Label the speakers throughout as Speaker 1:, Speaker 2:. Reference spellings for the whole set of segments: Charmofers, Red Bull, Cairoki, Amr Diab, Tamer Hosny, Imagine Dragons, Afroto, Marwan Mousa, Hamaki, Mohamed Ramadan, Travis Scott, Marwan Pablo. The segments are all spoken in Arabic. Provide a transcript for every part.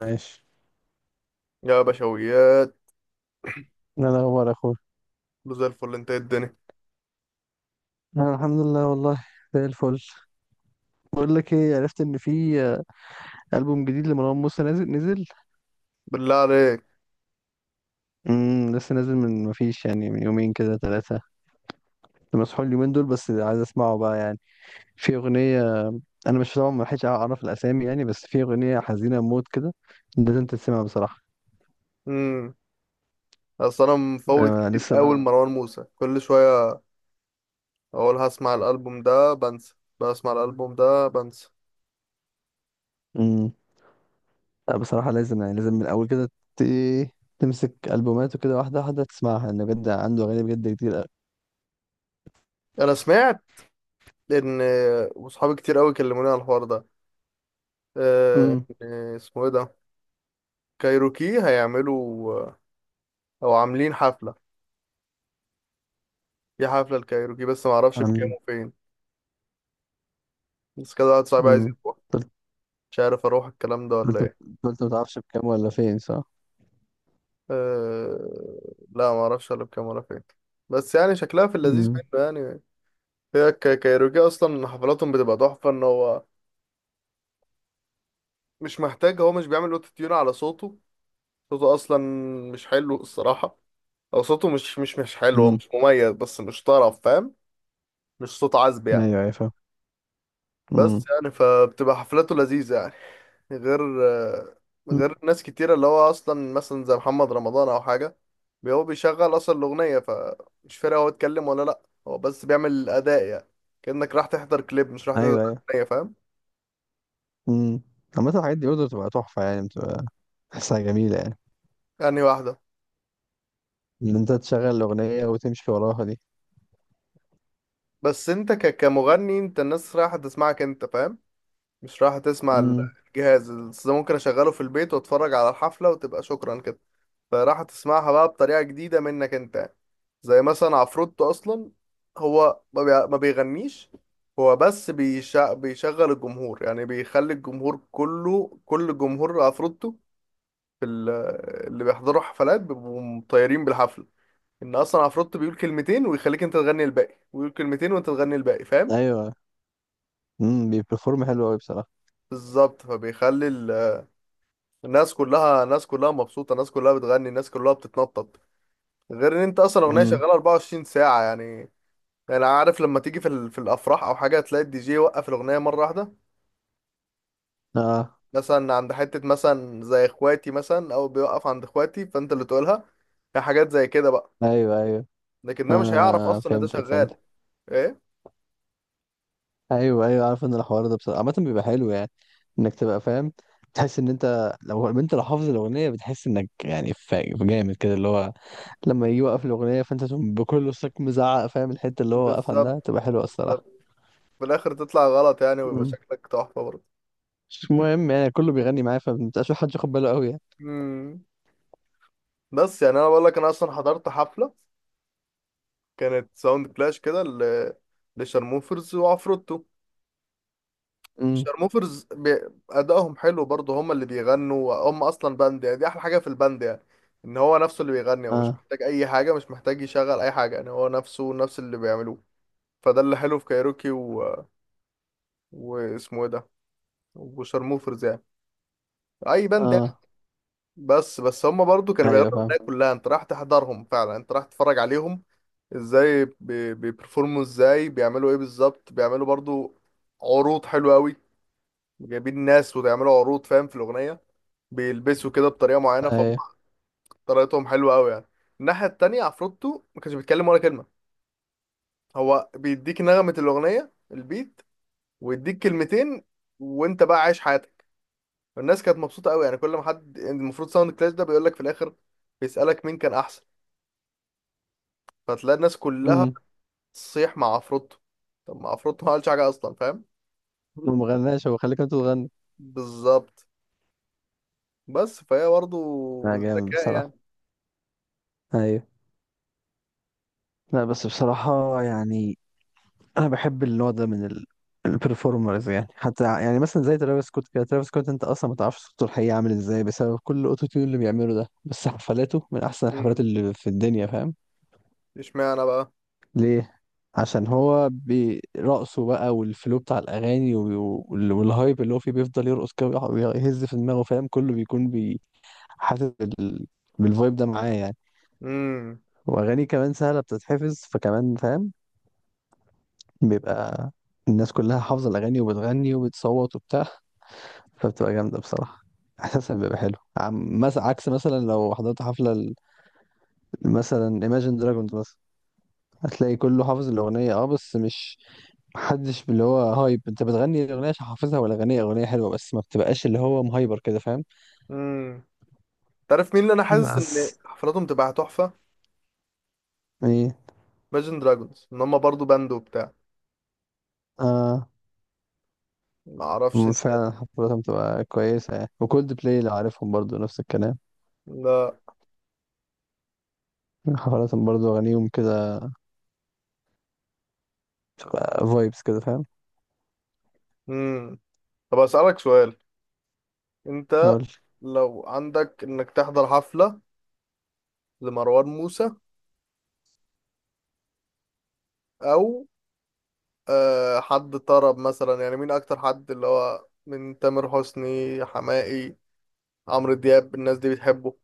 Speaker 1: ماشي.
Speaker 2: يا بشويات،
Speaker 1: ايه الاخبار يا اخويا؟
Speaker 2: له زي الفل. انت ايه الدنيا؟
Speaker 1: انا الحمد لله والله، زي الفل. بقول لك ايه، عرفت ان في البوم جديد لمروان موسى نازل نزل.
Speaker 2: بالله عليك.
Speaker 1: لسه نازل من ما فيش يعني، من يومين كده ثلاثه. مسحول اليومين دول، بس عايز اسمعه بقى يعني. في اغنيه، انا مش طبعا ما لحقتش اعرف الاسامي يعني، بس في اغنيه حزينه موت كده، لازم تسمعها بصراحه.
Speaker 2: امم اصل انا مفوت
Speaker 1: أنا
Speaker 2: كتير
Speaker 1: لسه
Speaker 2: قوي
Speaker 1: بقى.
Speaker 2: لمروان موسى. كل شويه اقول هسمع الالبوم ده بنسى، بسمع الالبوم ده بنسى.
Speaker 1: امم لا بصراحه، لازم يعني، لازم من الاول كده ت... إيه، تمسك البوماته كده واحده واحده تسمعها، لان بجد عنده اغاني بجد كتير.
Speaker 2: انا سمعت ان وصحابي كتير قوي كلموني على الحوار ده. اه، ان اسمه ايه ده، كايروكي هيعملوا او عاملين حفله. في حفله الكايروكي بس ما اعرفش بكام
Speaker 1: امم
Speaker 2: وفين. بس كده واحد صاحبي عايز
Speaker 1: امم
Speaker 2: يروح،
Speaker 1: قلت
Speaker 2: مش عارف اروح الكلام ده ولا
Speaker 1: قلت
Speaker 2: ايه.
Speaker 1: قلت ما تعرفش بكام ولا فين، صح؟
Speaker 2: أه... لا ما اعرفش الا بكام ولا فين، بس يعني شكلها في اللذيذ
Speaker 1: امم
Speaker 2: منه يعني. هي كايروكي اصلا حفلاتهم بتبقى تحفه، ان هو مش محتاج، هو مش بيعمل اوتو تيون على صوته. صوته اصلا مش حلو الصراحه، او صوته مش حلو، هو
Speaker 1: امم
Speaker 2: مش مميز بس مش طرب فاهم، مش صوت عذب يعني.
Speaker 1: ايوه ايوه، فاهم.
Speaker 2: بس
Speaker 1: امم.
Speaker 2: يعني فبتبقى حفلاته لذيذة يعني. غير،
Speaker 1: أمم.
Speaker 2: غير ناس كتيرة اللي هو أصلا مثلا زي محمد رمضان أو حاجة، هو بيشغل أصلا الأغنية، فمش فارق هو اتكلم ولا لأ. هو بس بيعمل الأداء يعني، كأنك راح تحضر كليب مش راح تحضر
Speaker 1: ايوه ايوه.
Speaker 2: أغنية فاهم.
Speaker 1: امم عامة الحاجات دي برضه بتبقى تحفة يعني، بتبقى تحسها جميلة يعني،
Speaker 2: يعني واحدة،
Speaker 1: ان انت تشغل الأغنية وتمشي وراها دي.
Speaker 2: بس أنت كمغني، أنت الناس رايحة تسمعك أنت فاهم، مش رايحة تسمع
Speaker 1: امم
Speaker 2: الجهاز. بس ده ممكن أشغله في البيت وأتفرج على الحفلة وتبقى شكرا كده. فراح تسمعها بقى بطريقة جديدة منك انت. زي مثلا عفروتو اصلا، هو ما بيغنيش، هو بس بيشغل الجمهور، يعني بيخلي الجمهور كله، كل جمهور عفروتو في اللي بيحضروا حفلات بيبقوا مطيرين بالحفلة. ان اصلا عفروتو بيقول كلمتين ويخليك انت تغني الباقي، ويقول كلمتين وانت تغني الباقي فاهم.
Speaker 1: ايوه. بيبرفورم حلو قوي بصراحة.
Speaker 2: بالظبط، فبيخلي الناس كلها، الناس كلها مبسوطة، الناس كلها بتغني، الناس كلها بتتنطط. غير ان انت اصلا اغنية
Speaker 1: امم.
Speaker 2: شغالة 24 ساعة يعني. انا عارف لما تيجي في في الافراح او حاجه تلاقي الدي جي يوقف الاغنيه مره واحده،
Speaker 1: اه،
Speaker 2: مثلا عند حته مثلا زي اخواتي مثلا، او بيوقف عند اخواتي فانت اللي تقولها. هي حاجات زي كده بقى،
Speaker 1: ايوه ايوه.
Speaker 2: لكن ده مش هيعرف
Speaker 1: اه
Speaker 2: اصلا ان ده
Speaker 1: فهمتك
Speaker 2: شغال.
Speaker 1: فهمتك،
Speaker 2: ايه،
Speaker 1: ايوه ايوه. عارف ان الحوار ده بصراحة عامة بيبقى حلو يعني، انك تبقى فاهم، تحس ان انت، لو حافظ الأغنية بتحس انك يعني جامد كده، اللي هو لما يجي يوقف الأغنية فأنت تقوم بكل صوتك مزعق، فاهم الحتة اللي هو واقف عندها
Speaker 2: بالظبط،
Speaker 1: تبقى حلوة الصراحة.
Speaker 2: بالظبط. في الاخر تطلع غلط يعني ويبقى
Speaker 1: مم.
Speaker 2: شكلك تحفه برضه.
Speaker 1: مش مهم يعني، كله بيغني معايا فمبقاش حد ياخد باله قوي يعني.
Speaker 2: امم بس يعني انا بقول لك، انا اصلا حضرت حفله كانت ساوند كلاش كده لشارموفرز وعفروتو.
Speaker 1: مم.
Speaker 2: شارموفرز بي... ادائهم حلو برضه، هم اللي بيغنوا، هم اصلا باند يعني، دي احلى حاجه في الباند يعني، ان هو نفسه اللي بيغني، هو مش
Speaker 1: اه
Speaker 2: محتاج اي حاجه، مش محتاج يشغل اي حاجه يعني، هو نفسه نفس اللي بيعملوه. فده اللي حلو في كايروكي و... واسمه ايه ده، وشارموفرز يعني، اي باند يعني.
Speaker 1: اه،
Speaker 2: بس بس هم برضه كانوا بيغنوا
Speaker 1: ايوه فاهم.
Speaker 2: الاغنيه كلها، انت راح تحضرهم فعلا، انت راح تتفرج عليهم ازاي بيبرفورموا، ازاي بيعملوا ايه بالظبط، بيعملوا برضه عروض حلوه قوي، جايبين ناس وبيعملوا عروض فاهم في الاغنيه، بيلبسوا كده بطريقه معينه،
Speaker 1: ايوه.
Speaker 2: فطريقتهم حلوه قوي يعني. الناحيه التانية عفروتو ما كانش بيتكلم ولا كلمه، هو بيديك نغمه الاغنيه البيت، ويديك كلمتين، وانت بقى عايش حياتك. الناس كانت مبسوطه قوي يعني. كل ما حد يعني، المفروض ساوند كلاش ده بيقول لك في الاخر، بيسالك مين كان احسن، فتلاقي الناس كلها
Speaker 1: امم
Speaker 2: تصيح مع عفروتو. طب ما عفروتو ما عملش حاجه اصلا فاهم.
Speaker 1: ما غناش هو، خليك انت تغني.
Speaker 2: بالظبط، بس فهي برضه
Speaker 1: لا جامد
Speaker 2: ذكاء
Speaker 1: بصراحة.
Speaker 2: يعني.
Speaker 1: ايوه. لا بس بصراحة يعني، انا بحب النوع ده من البرفورمرز يعني، حتى يعني مثلا زي ترافيس سكوت كده. ترافيس سكوت انت اصلا ما تعرفش صوته الحقيقي عامل ازاي، بسبب كل الاوتو تيون اللي بيعمله ده، بس حفلاته من احسن الحفلات
Speaker 2: مم.
Speaker 1: اللي في الدنيا فاهم.
Speaker 2: اشمعنى بقى
Speaker 1: ليه؟ عشان هو برقصه بقى، والفلو بتاع الاغاني والهايب اللي هو فيه، بيفضل يرقص كده ويهز في دماغه، فاهم كله بيكون حاسس بالفايب ده معاه يعني.
Speaker 2: امم
Speaker 1: واغاني كمان سهله بتتحفظ، فكمان فاهم بيبقى الناس كلها حافظه الاغاني، وبتغني وبتصوت وبتاع، فبتبقى جامده بصراحه، احساسها بيبقى حلو. عم مثلا عكس مثلا لو حضرت حفله مثلا Imagine Dragons مثلا، هتلاقي كله حافظ الاغنيه، اه بس مش، محدش اللي هو هايب. انت بتغني الاغنيه عشان حافظها، ولا اغنيه حلوه بس ما بتبقاش اللي هو مهايبر كده فاهم.
Speaker 2: تعرف مين اللي انا حاسس ان
Speaker 1: بس
Speaker 2: حفلاتهم تبقى تحفه؟
Speaker 1: ايه؟
Speaker 2: Imagine دراجونز، ان هم برضو باند وبتاع.
Speaker 1: اه،
Speaker 2: ما اعرفش انت.
Speaker 1: فعلا حفلاتهم بتبقى كويسه يعني، وكولد بلاي لو عارفهم برضو نفس الكلام،
Speaker 2: لا.
Speaker 1: حفلاتهم برضو اغانيهم كده بتبقى فايبس كده فاهم.
Speaker 2: امم طب اسالك سؤال، انت
Speaker 1: نقول،
Speaker 2: لو عندك انك تحضر حفله لمروان موسى، او حد طرب مثلا يعني، مين اكتر حد اللي هو من تامر حسني، حماقي، عمرو دياب، الناس دي بتحبه؟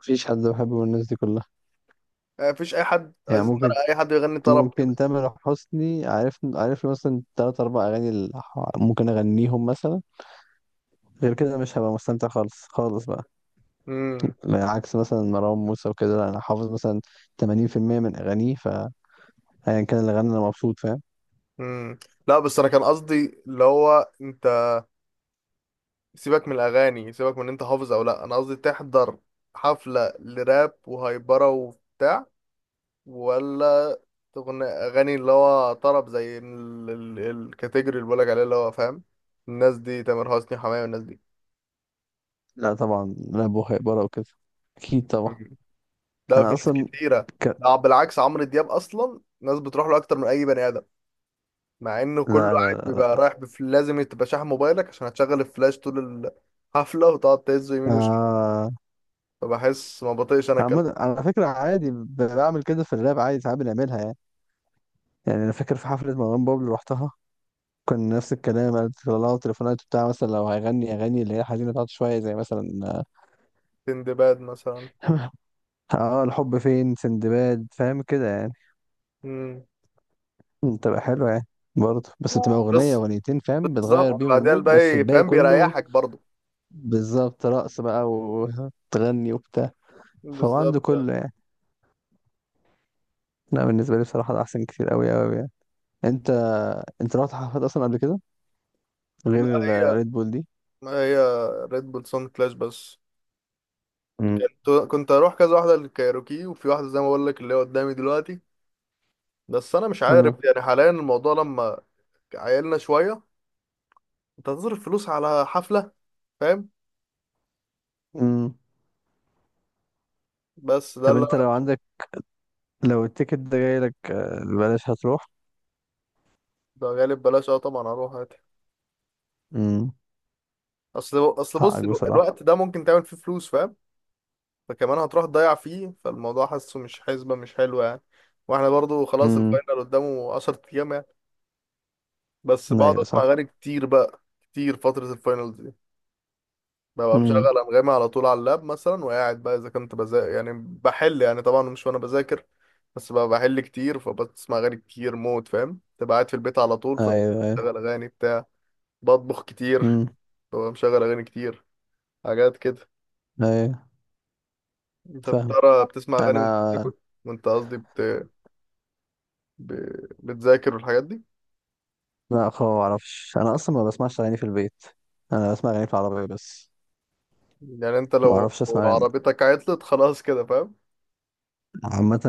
Speaker 1: مفيش حد بحبه من الناس دي كلها.
Speaker 2: مفيش اي حد
Speaker 1: يعني
Speaker 2: عايز نرى، اي حد يغني طرب كده.
Speaker 1: ممكن تامر حسني، عارف عارف له مثلا تلات أربع أغاني، اللي ممكن أغنيهم مثلا. غير كده مش هبقى مستمتع، خالص خالص بقى.
Speaker 2: امم
Speaker 1: عكس مثلا مروان موسى وكده، لا انا حافظ مثلا 80% من اغانيه. فايا كان اللي غنى انا مبسوط، فاهم.
Speaker 2: امم لا بس انا كان قصدي اللي هو انت، سيبك من الاغاني، سيبك من إن انت حافظ او لا. انا قصدي تحضر حفله لراب وهايبره وبتاع، ولا تغني اغاني اللي هو طرب زي الكاتيجوري اللي بقولك عليه اللي هو فاهم، الناس دي تامر حسني، حماية والناس دي.
Speaker 1: لا طبعا، لا بهاء بره وكده، اكيد طبعا.
Speaker 2: مم. لا
Speaker 1: انا
Speaker 2: في ناس
Speaker 1: اصلا
Speaker 2: كتيره،
Speaker 1: ك...
Speaker 2: لا بالعكس، عمرو دياب اصلا ناس بتروح له اكتر من اي بني ادم. مع انه كله
Speaker 1: لا لا
Speaker 2: قاعد
Speaker 1: لا
Speaker 2: بيبقى
Speaker 1: لا.
Speaker 2: رايح لازم تبقى شاحن موبايلك عشان هتشغل الفلاش طول الحفله، وتقعد تهزه يمين وشمال.
Speaker 1: آه...
Speaker 2: فبحس ما بطيقش انا كلام.
Speaker 1: على فكره عادي، بعمل كده في الراب عادي، ساعات بنعملها يعني. يعني انا فاكر في حفله مروان بابلو رحتها، كان نفس الكلام قالت لها تليفونات بتاع مثلا لو هيغني اغاني اللي هي حزينه بتاعته شويه، زي مثلا
Speaker 2: تندباد مثلا.
Speaker 1: اه، الحب فين، سندباد، فاهم كده يعني.
Speaker 2: مم.
Speaker 1: مم، تبقى حلوة يعني، برضه بس بتبقى أغنية
Speaker 2: بس
Speaker 1: أغنيتين فاهم، بتغير
Speaker 2: بالظبط،
Speaker 1: بيهم
Speaker 2: بعدين
Speaker 1: المود، بس
Speaker 2: الباقي
Speaker 1: الباقي
Speaker 2: فاهم
Speaker 1: كله
Speaker 2: بيريحك برضه.
Speaker 1: بالظبط رقص بقى وتغني وبتاع. فهو عنده
Speaker 2: بالظبط.
Speaker 1: كله يعني. لا بالنسبة لي بصراحة ده أحسن كتير، أوي أوي يعني. أنت، أنت رحت حفلات أصلا قبل كده، غير
Speaker 2: لا هي،
Speaker 1: ريد بول دي؟
Speaker 2: ما هي ريد بول سون كلاش بس.
Speaker 1: مم.
Speaker 2: كنت، كنت اروح كذا واحده للكايروكي، وفي واحده زي ما بقول لك اللي هي قدامي دلوقتي. بس انا مش عارف
Speaker 1: اه.
Speaker 2: يعني حاليا الموضوع لما عيلنا شويه، انت هتصرف فلوس على حفله فاهم.
Speaker 1: امم
Speaker 2: بس ده
Speaker 1: طب
Speaker 2: اللي
Speaker 1: أنت لو عندك، لو التيكت ده جاي لك بلاش، هتروح؟
Speaker 2: ده غالب بلاش اه طبعا هروح عادي.
Speaker 1: امم
Speaker 2: اصل بص،
Speaker 1: حقك بصراحة.
Speaker 2: الوقت ده ممكن تعمل فيه فلوس فاهم، فكمان هتروح تضيع فيه، فالموضوع حاسه مش حسبة مش حلوة يعني. واحنا برضو خلاص
Speaker 1: امم.
Speaker 2: الفاينل قدامه 10 ايام يعني. بس بقعد
Speaker 1: أيوة
Speaker 2: اسمع
Speaker 1: صح.
Speaker 2: اغاني كتير بقى، كتير فترة الفاينل دي. ببقى
Speaker 1: امم.
Speaker 2: مشغل انغامي على طول على اللاب مثلا، وقاعد بقى اذا كنت بذاكر يعني بحل يعني، طبعا مش وانا بذاكر، بس بقى بحل كتير، فبسمع اغاني كتير موت فاهم. تبقى قاعد في البيت على طول
Speaker 1: أيوة أيوة.
Speaker 2: فبشغل اغاني بتاع بطبخ كتير
Speaker 1: امم.
Speaker 2: ببقى مشغل اغاني كتير، حاجات كده.
Speaker 1: أيوة
Speaker 2: انت
Speaker 1: فاهم.
Speaker 2: بترى بتسمع اغاني وانت
Speaker 1: أنا،
Speaker 2: بتاكل، وانت قصدي ب... بتذاكر والحاجات دي؟
Speaker 1: لا خالص، ما اعرفش، انا اصلا ما بسمعش اغاني في البيت، انا بسمع اغاني في العربيه بس.
Speaker 2: يعني انت
Speaker 1: ما
Speaker 2: لو
Speaker 1: اعرفش اسمع أغاني.
Speaker 2: عربيتك عطلت خلاص كده فاهم.
Speaker 1: عامه،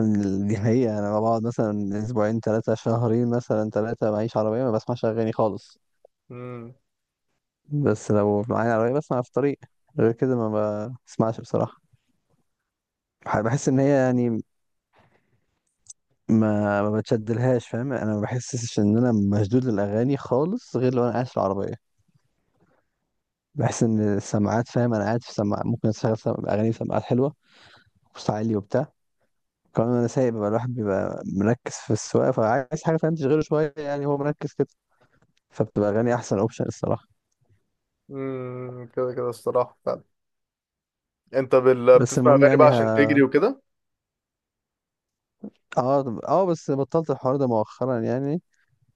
Speaker 1: دي حقيقه، انا بقعد مثلا اسبوعين ثلاثه، شهرين مثلا ثلاثه، معيش عربيه ما بسمعش اغاني خالص.
Speaker 2: امم
Speaker 1: بس لو معايا عربيه بسمع في الطريق، غير كده ما بسمعش بصراحه. بحس ان هي يعني، ما بتشدلهاش، فاهم انا ما بحسش ان انا مشدود للاغاني خالص، غير لو انا قاعد في العربيه. بحس ان السماعات، فاهم انا قاعد في سماعات، ممكن اشغل اغاني في سماعات حلوه وصوت عالي وبتاع. كمان انا سايق، بيبقى الواحد بيبقى مركز في السواقه، فعايز حاجه فاهم تشغله شويه يعني، هو مركز كده، فبتبقى اغاني احسن اوبشن الصراحه.
Speaker 2: كده كده الصراحة فعلا. انت
Speaker 1: بس
Speaker 2: بتسمع
Speaker 1: المهم
Speaker 2: اغاني بقى
Speaker 1: يعني
Speaker 2: عشان تجري وكده؟
Speaker 1: اه اه، بس بطلت الحوار ده مؤخرا يعني،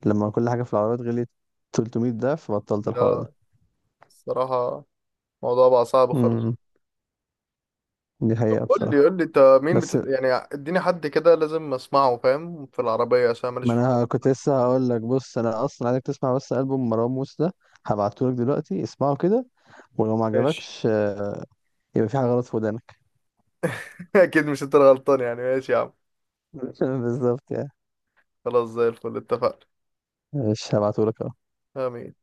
Speaker 1: لما كل حاجه في العربيات غليت 300 ضعف، بطلت الحوار ده.
Speaker 2: لا الصراحة الموضوع بقى صعب خالص.
Speaker 1: امم، دي
Speaker 2: طب
Speaker 1: حقيقه
Speaker 2: قول لي،
Speaker 1: بصراحه.
Speaker 2: قول لي انت مين
Speaker 1: بس،
Speaker 2: يعني اديني حد كده لازم اسمعه فاهم في العربية عشان ماليش
Speaker 1: ما
Speaker 2: في حوار.
Speaker 1: انا كنت لسه هقول لك، بص انا اصلا عايزك تسمع بس البوم مروان موسى ده، هبعته لك دلوقتي، اسمعه كده. ولو ما
Speaker 2: ماشي.
Speaker 1: عجبكش يبقى في حاجه غلط في ودانك.
Speaker 2: اكيد مش انت الغلطان يعني، ماشي يا عم.
Speaker 1: بالظبط يعني.
Speaker 2: خلاص زي الفل، اتفقنا.
Speaker 1: مش هبعته لك.
Speaker 2: آمين.